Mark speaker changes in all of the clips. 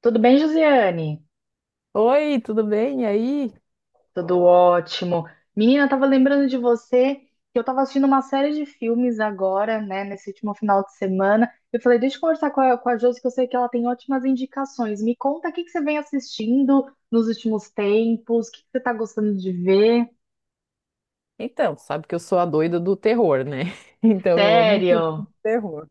Speaker 1: Tudo bem, Josiane?
Speaker 2: Oi, tudo bem? E aí?
Speaker 1: Tudo ótimo. Menina, eu tava lembrando de você que eu tava assistindo uma série de filmes agora, né, nesse último final de semana. Eu falei, deixa eu conversar com a Josi, que eu sei que ela tem ótimas indicações. Me conta o que que você vem assistindo nos últimos tempos, o que que você tá gostando de ver?
Speaker 2: Então, sabe que eu sou a doida do terror, né? Então eu amo um filme de
Speaker 1: Sério?
Speaker 2: terror.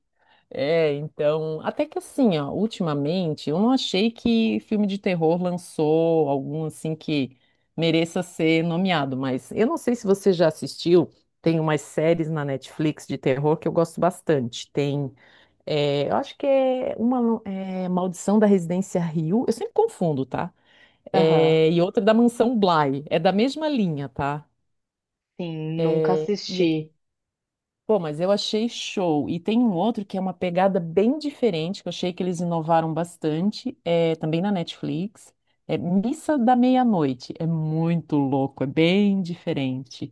Speaker 2: Até que assim, ó, ultimamente eu não achei que filme de terror lançou algum assim que mereça ser nomeado, mas eu não sei se você já assistiu, tem umas séries na Netflix de terror que eu gosto bastante. Eu acho que é uma Maldição da Residência Rio. Eu sempre confundo, tá?
Speaker 1: Aham,
Speaker 2: É, e outra da Mansão Bly. É da mesma linha, tá?
Speaker 1: sim, nunca
Speaker 2: É, e é-
Speaker 1: assisti.
Speaker 2: Pô, mas eu achei show. E tem um outro que é uma pegada bem diferente, que eu achei que eles inovaram bastante, também na Netflix. É Missa da Meia-Noite. É muito louco, é bem diferente.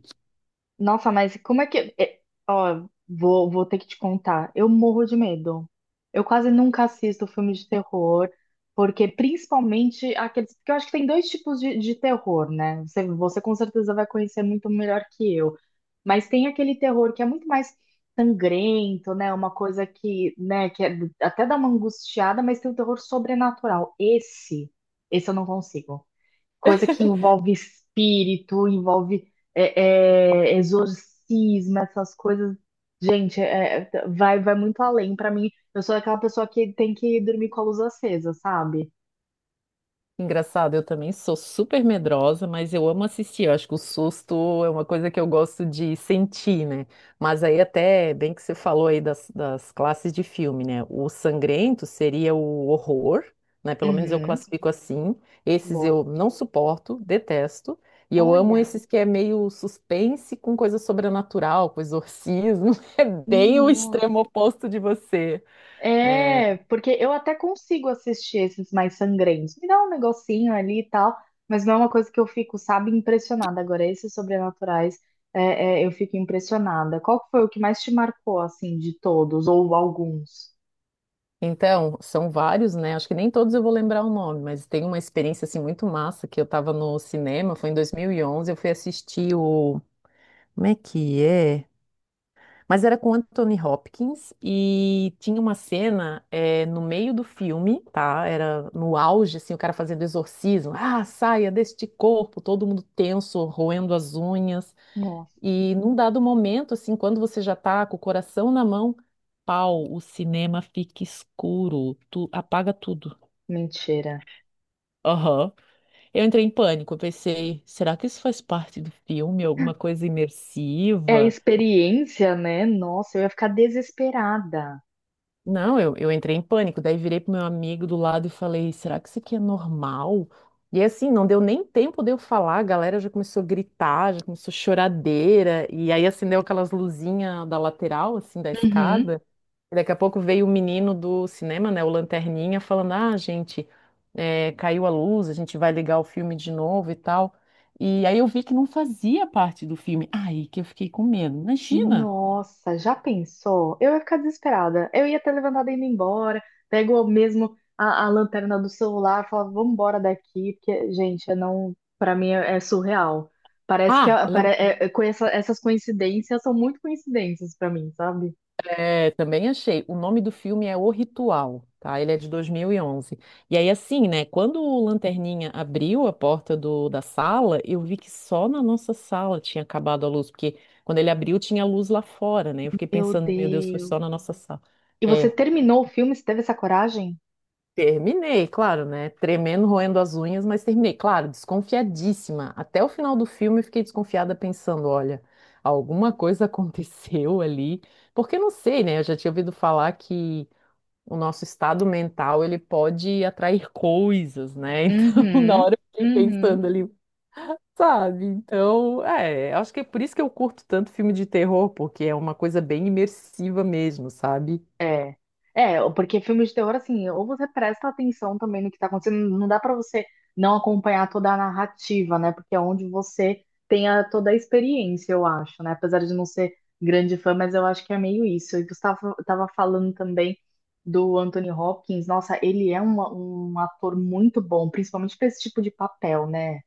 Speaker 1: Nossa, mas como é que. Ó, vou ter que te contar. Eu morro de medo. Eu quase nunca assisto filme de terror, porque principalmente aqueles. Porque eu acho que tem dois tipos de terror, né? Você com certeza vai conhecer muito melhor que eu. Mas tem aquele terror que é muito mais sangrento, né? Uma coisa que, né, que até dá uma angustiada, mas tem o terror sobrenatural. Esse eu não consigo coisa que envolve espírito, envolve exorcismo, essas coisas. Gente, vai muito além. Pra mim, eu sou aquela pessoa que tem que dormir com a luz acesa, sabe?
Speaker 2: Engraçado, eu também sou super medrosa, mas eu amo assistir. Eu acho que o susto é uma coisa que eu gosto de sentir, né? Mas aí até bem que você falou aí das classes de filme, né? O sangrento seria o horror, né? Pelo menos eu
Speaker 1: Uhum.
Speaker 2: classifico assim. Esses
Speaker 1: Boa.
Speaker 2: eu não suporto, detesto. E eu amo
Speaker 1: Olha,
Speaker 2: esses que é meio suspense com coisa sobrenatural, com exorcismo. É bem o extremo oposto de você.
Speaker 1: é, porque eu até consigo assistir esses mais sangrentos. Me dá um negocinho ali e tal, mas não é uma coisa que eu fico, sabe, impressionada. Agora, esses sobrenaturais, eu fico impressionada. Qual que foi o que mais te marcou, assim, de todos, ou alguns?
Speaker 2: Então, são vários, né? Acho que nem todos eu vou lembrar o nome, mas tem uma experiência assim muito massa que eu tava no cinema, foi em 2011 eu fui assistir o... Como é que é? Mas era com Anthony Hopkins e tinha uma cena no meio do filme, tá? Era no auge, assim, o cara fazendo exorcismo. Ah, saia deste corpo, todo mundo tenso, roendo as unhas.
Speaker 1: Nossa,
Speaker 2: E num dado momento, assim, quando você já tá com o coração na mão, pau, o cinema fica escuro, tu apaga tudo.
Speaker 1: mentira.
Speaker 2: Aham. Eu entrei em pânico, eu pensei, será que isso faz parte do filme, alguma coisa
Speaker 1: É a
Speaker 2: imersiva?
Speaker 1: experiência, né? Nossa, eu ia ficar desesperada.
Speaker 2: Não, eu entrei em pânico, daí virei pro meu amigo do lado e falei, será que isso aqui é normal? E assim, não deu nem tempo de eu falar, a galera já começou a gritar, já começou choradeira, e aí acendeu aquelas luzinhas da lateral, assim, da
Speaker 1: Uhum.
Speaker 2: escada. E daqui a pouco veio o menino do cinema, né, o Lanterninha, falando: Ah, gente, caiu a luz, a gente vai ligar o filme de novo e tal. E aí eu vi que não fazia parte do filme. Aí que eu fiquei com medo. Imagina!
Speaker 1: Nossa, já pensou? Eu ia ficar desesperada. Eu ia ter levantado e ido embora. Pego eu mesmo a lanterna do celular, e falo, vamos embora daqui, porque, gente, eu não, para mim é surreal. Parece que
Speaker 2: Ah,
Speaker 1: com essas coincidências são muito coincidências pra mim, sabe?
Speaker 2: É, também achei. O nome do filme é O Ritual, tá? Ele é de 2011. E onze. E aí, assim, né? Quando o Lanterninha abriu a porta da sala, eu vi que só na nossa sala tinha acabado a luz, porque quando ele abriu tinha luz lá fora, né? Eu fiquei
Speaker 1: Meu
Speaker 2: pensando, meu Deus, foi só
Speaker 1: Deus.
Speaker 2: na nossa sala.
Speaker 1: E você
Speaker 2: É,
Speaker 1: terminou o filme? Você teve essa coragem?
Speaker 2: terminei, claro, né? Tremendo, roendo as unhas, mas terminei. Claro, desconfiadíssima. Até o final do filme eu fiquei desconfiada, pensando, olha, alguma coisa aconteceu ali. Porque eu não sei, né? Eu já tinha ouvido falar que o nosso estado mental, ele pode atrair coisas, né? Então, na
Speaker 1: Uhum,
Speaker 2: hora eu fiquei
Speaker 1: uhum.
Speaker 2: pensando ali, sabe? Então, acho que é por isso que eu curto tanto filme de terror, porque é uma coisa bem imersiva mesmo, sabe?
Speaker 1: É. É, porque filme de terror, assim, ou você presta atenção também no que tá acontecendo, não dá pra você não acompanhar toda a narrativa, né? Porque é onde você tem toda a experiência, eu acho, né? Apesar de não ser grande fã, mas eu acho que é meio isso. E você tava falando também do Anthony Hopkins, nossa, ele é um, um ator muito bom, principalmente pra esse tipo de papel, né?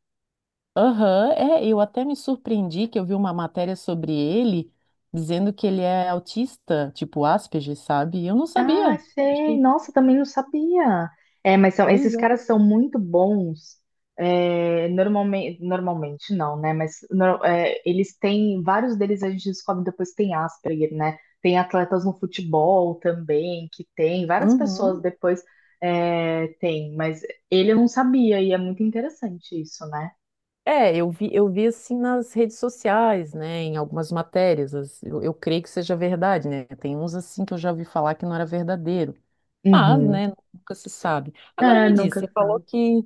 Speaker 2: Aham, eu até me surpreendi que eu vi uma matéria sobre ele dizendo que ele é autista, tipo Asperger, sabe? E eu não
Speaker 1: Ah,
Speaker 2: sabia.
Speaker 1: sei.
Speaker 2: Achei
Speaker 1: Nossa, também não sabia. É, mas são, esses
Speaker 2: coisa.
Speaker 1: caras são muito bons. É, normalmente não, né? Mas eles têm, vários deles a gente descobre depois que tem Asperger, né? Tem atletas no futebol também, que tem, várias pessoas
Speaker 2: Uhum.
Speaker 1: depois tem, mas ele eu não sabia e é muito interessante isso, né?
Speaker 2: Eu vi assim nas redes sociais, né, em algumas matérias, eu creio que seja verdade, né? Tem uns assim que eu já ouvi falar que não era verdadeiro, mas,
Speaker 1: Uhum.
Speaker 2: né, nunca se sabe. Agora
Speaker 1: É,
Speaker 2: me diz,
Speaker 1: nunca sabe.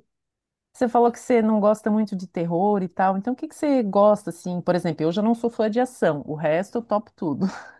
Speaker 2: você falou que você não gosta muito de terror e tal, então o que que você gosta assim? Por exemplo, eu já não sou fã de ação, o resto eu topo tudo.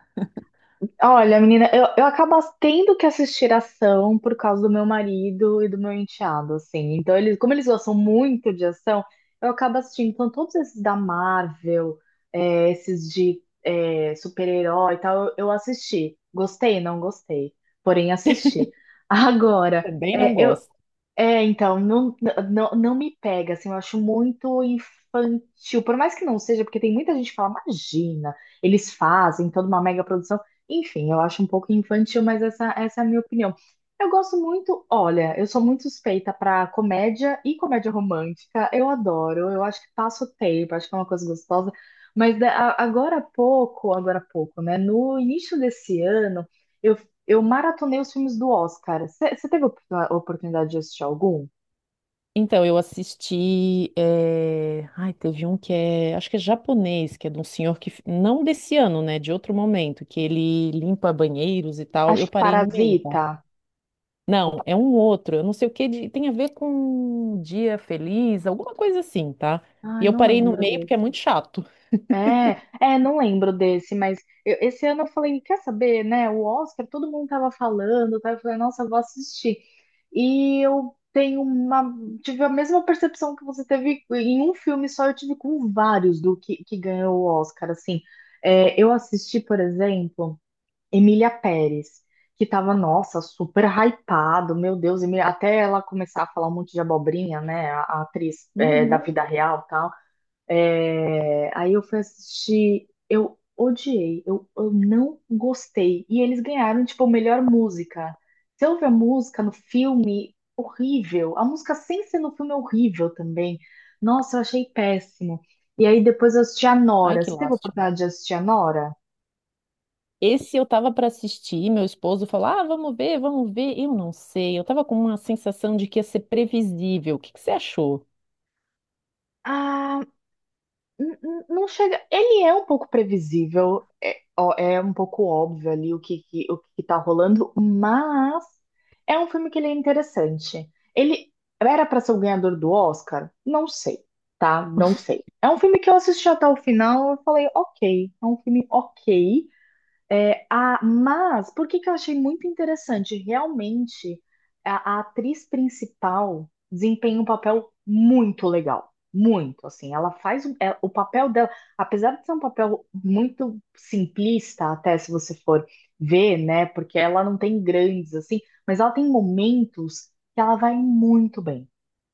Speaker 1: Olha, menina, eu acabo tendo que assistir ação por causa do meu marido e do meu enteado, assim. Então, eles, como eles gostam muito de ação, eu acabo assistindo. Então, todos esses da Marvel, é, esses de super-herói e tal, eu assisti. Gostei, não gostei, porém assisti. Agora,
Speaker 2: Também não gosto.
Speaker 1: então, não me pega, assim, eu acho muito infantil, por mais que não seja, porque tem muita gente que fala, imagina, eles fazem toda uma mega produção, enfim, eu acho um pouco infantil, mas essa é a minha opinião. Eu gosto muito, olha, eu sou muito suspeita pra comédia e comédia romântica, eu adoro, eu acho que passa o tempo, acho que é uma coisa gostosa, mas agora há pouco, né, no início desse ano, eu eu maratonei os filmes do Oscar. Você teve a a oportunidade de assistir algum?
Speaker 2: Então, eu assisti. Ai, teve um que é... Acho que é japonês, que é de um senhor que... Não desse ano, né? De outro momento, que ele limpa banheiros e tal.
Speaker 1: Acho
Speaker 2: Eu
Speaker 1: que
Speaker 2: parei no meio, tá?
Speaker 1: Parasita. Ou
Speaker 2: Não, é um outro. Eu não sei o que... Tem a ver com um dia feliz, alguma coisa assim, tá? E
Speaker 1: ai,
Speaker 2: eu
Speaker 1: não
Speaker 2: parei no
Speaker 1: lembro
Speaker 2: meio porque é
Speaker 1: desse.
Speaker 2: muito chato.
Speaker 1: É, é, não lembro desse, mas esse ano eu falei, quer saber, né? O Oscar, todo mundo tava falando, tá? Eu falei, nossa, eu vou assistir. E eu tenho uma, tive a mesma percepção que você teve em um filme só, eu tive com vários do que ganhou o Oscar, assim. É, eu assisti, por exemplo. Emília Pérez, que tava, nossa, super hypado, meu Deus, até ela começar a falar um monte de abobrinha, né, a atriz é, da
Speaker 2: Uhum.
Speaker 1: vida real e tal. É, aí eu fui assistir, eu odiei, eu não gostei. E eles ganharam, tipo, melhor música. Você ouve a música no filme, horrível. A música sem ser no filme é horrível também. Nossa, eu achei péssimo. E aí depois eu assisti a
Speaker 2: Ai,
Speaker 1: Nora.
Speaker 2: que
Speaker 1: Você teve a
Speaker 2: lástima.
Speaker 1: oportunidade de assistir a Nora?
Speaker 2: Esse eu tava para assistir, meu esposo falou: Ah, vamos ver, vamos ver. Eu não sei. Eu tava com uma sensação de que ia ser previsível. O que que você achou?
Speaker 1: Ah, não chega. Ele é um pouco previsível, é, ó, é um pouco óbvio ali o o que que tá rolando, mas é um filme que ele é interessante. Ele era para ser o ganhador do Oscar? Não sei, tá? Não sei. É um filme que eu assisti até o final, eu falei, ok, é um filme ok, mas, por que que eu achei muito interessante? Realmente, a atriz principal desempenha um papel muito legal. Muito, assim. Ela faz o papel dela, apesar de ser um papel muito simplista, até se você for ver, né? Porque ela não tem grandes, assim, mas ela tem momentos que ela vai muito bem.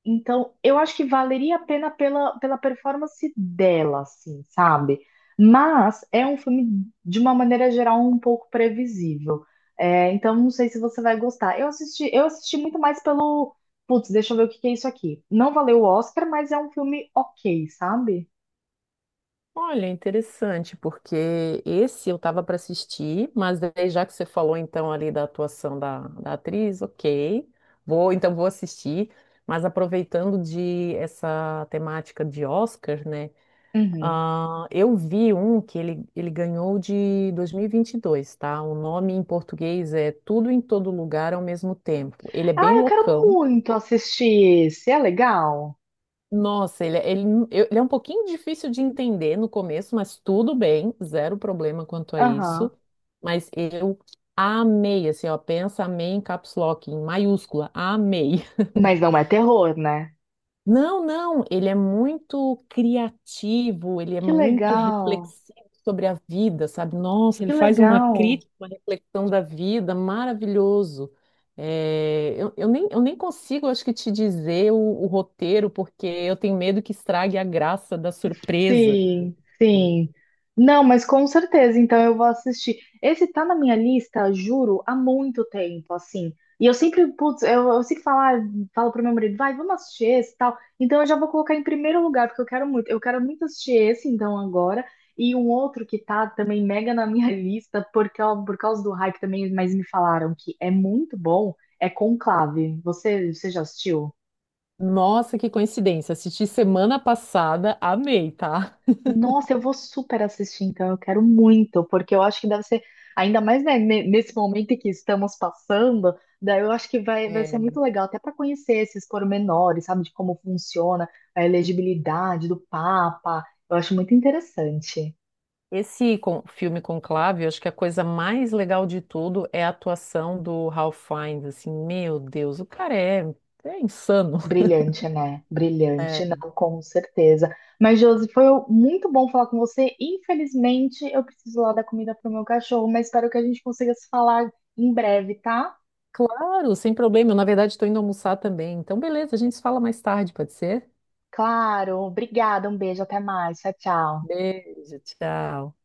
Speaker 1: Então, eu acho que valeria a pena pela, pela performance dela, assim, sabe? Mas é um filme, de uma maneira geral, um pouco previsível. É, então, não sei se você vai gostar. Eu assisti muito mais pelo. Putz, deixa eu ver o que que é isso aqui. Não valeu o Oscar, mas é um filme ok, sabe?
Speaker 2: Olha, interessante, porque esse eu tava para assistir, mas daí já que você falou então ali da atuação da atriz, ok, vou assistir, mas aproveitando de essa temática de Oscar, né?
Speaker 1: Uhum.
Speaker 2: Ah, eu vi um que ele ganhou de 2022, tá? O nome em português é Tudo em Todo Lugar ao Mesmo Tempo. Ele é bem
Speaker 1: Ah, eu quero
Speaker 2: loucão.
Speaker 1: muito assistir esse. É legal?
Speaker 2: Nossa, ele, é- ele, eu- Ele é um pouquinho difícil de entender no começo, mas tudo bem, zero problema quanto a isso.
Speaker 1: Aham.
Speaker 2: Mas eu amei, assim, ó, pensa amei em caps lock, em maiúscula, amei.
Speaker 1: Mas não é terror, né?
Speaker 2: Não, não, ele é muito criativo, ele é
Speaker 1: Que
Speaker 2: muito
Speaker 1: legal,
Speaker 2: reflexivo sobre a vida, sabe? Nossa,
Speaker 1: que
Speaker 2: ele faz uma
Speaker 1: legal.
Speaker 2: crítica, uma reflexão da vida, maravilhoso. Eu nem consigo, acho que, te dizer o roteiro, porque eu tenho medo que estrague a graça da surpresa.
Speaker 1: Sim, sim. Não, mas com certeza, então eu vou assistir. Esse tá na minha lista, juro, há muito tempo, assim. E eu sempre, putz, eu sempre falo, ah, falo pro meu marido, vai, vamos assistir esse e tal. Então eu já vou colocar em primeiro lugar, porque eu quero muito. Eu quero muito assistir esse, então, agora. E um outro que tá também mega na minha lista, porque, ó, por causa do hype também, mas me falaram que é muito bom, é Conclave. Você já assistiu?
Speaker 2: Nossa, que coincidência! Assisti semana passada, amei, tá?
Speaker 1: Nossa, eu vou super assistir, então. Eu quero muito, porque eu acho que deve ser, ainda mais, né, nesse momento em que estamos passando, daí eu acho que vai ser muito legal, até para conhecer esses pormenores, sabe, de como funciona a elegibilidade do Papa. Eu acho muito interessante.
Speaker 2: Filme Conclave, eu acho que a coisa mais legal de tudo é a atuação do Ralph Fiennes, assim, meu Deus, é insano.
Speaker 1: Brilhante, né?
Speaker 2: É,
Speaker 1: Brilhante, não, com certeza. Mas, Josi, foi muito bom falar com você. Infelizmente, eu preciso lá dar comida para o meu cachorro, mas espero que a gente consiga se falar em breve, tá?
Speaker 2: claro, sem problema, eu na verdade estou indo almoçar também, então beleza, a gente se fala mais tarde, pode ser?
Speaker 1: Claro, obrigada, um beijo, até mais, tchau, tchau.
Speaker 2: Beijo, tchau.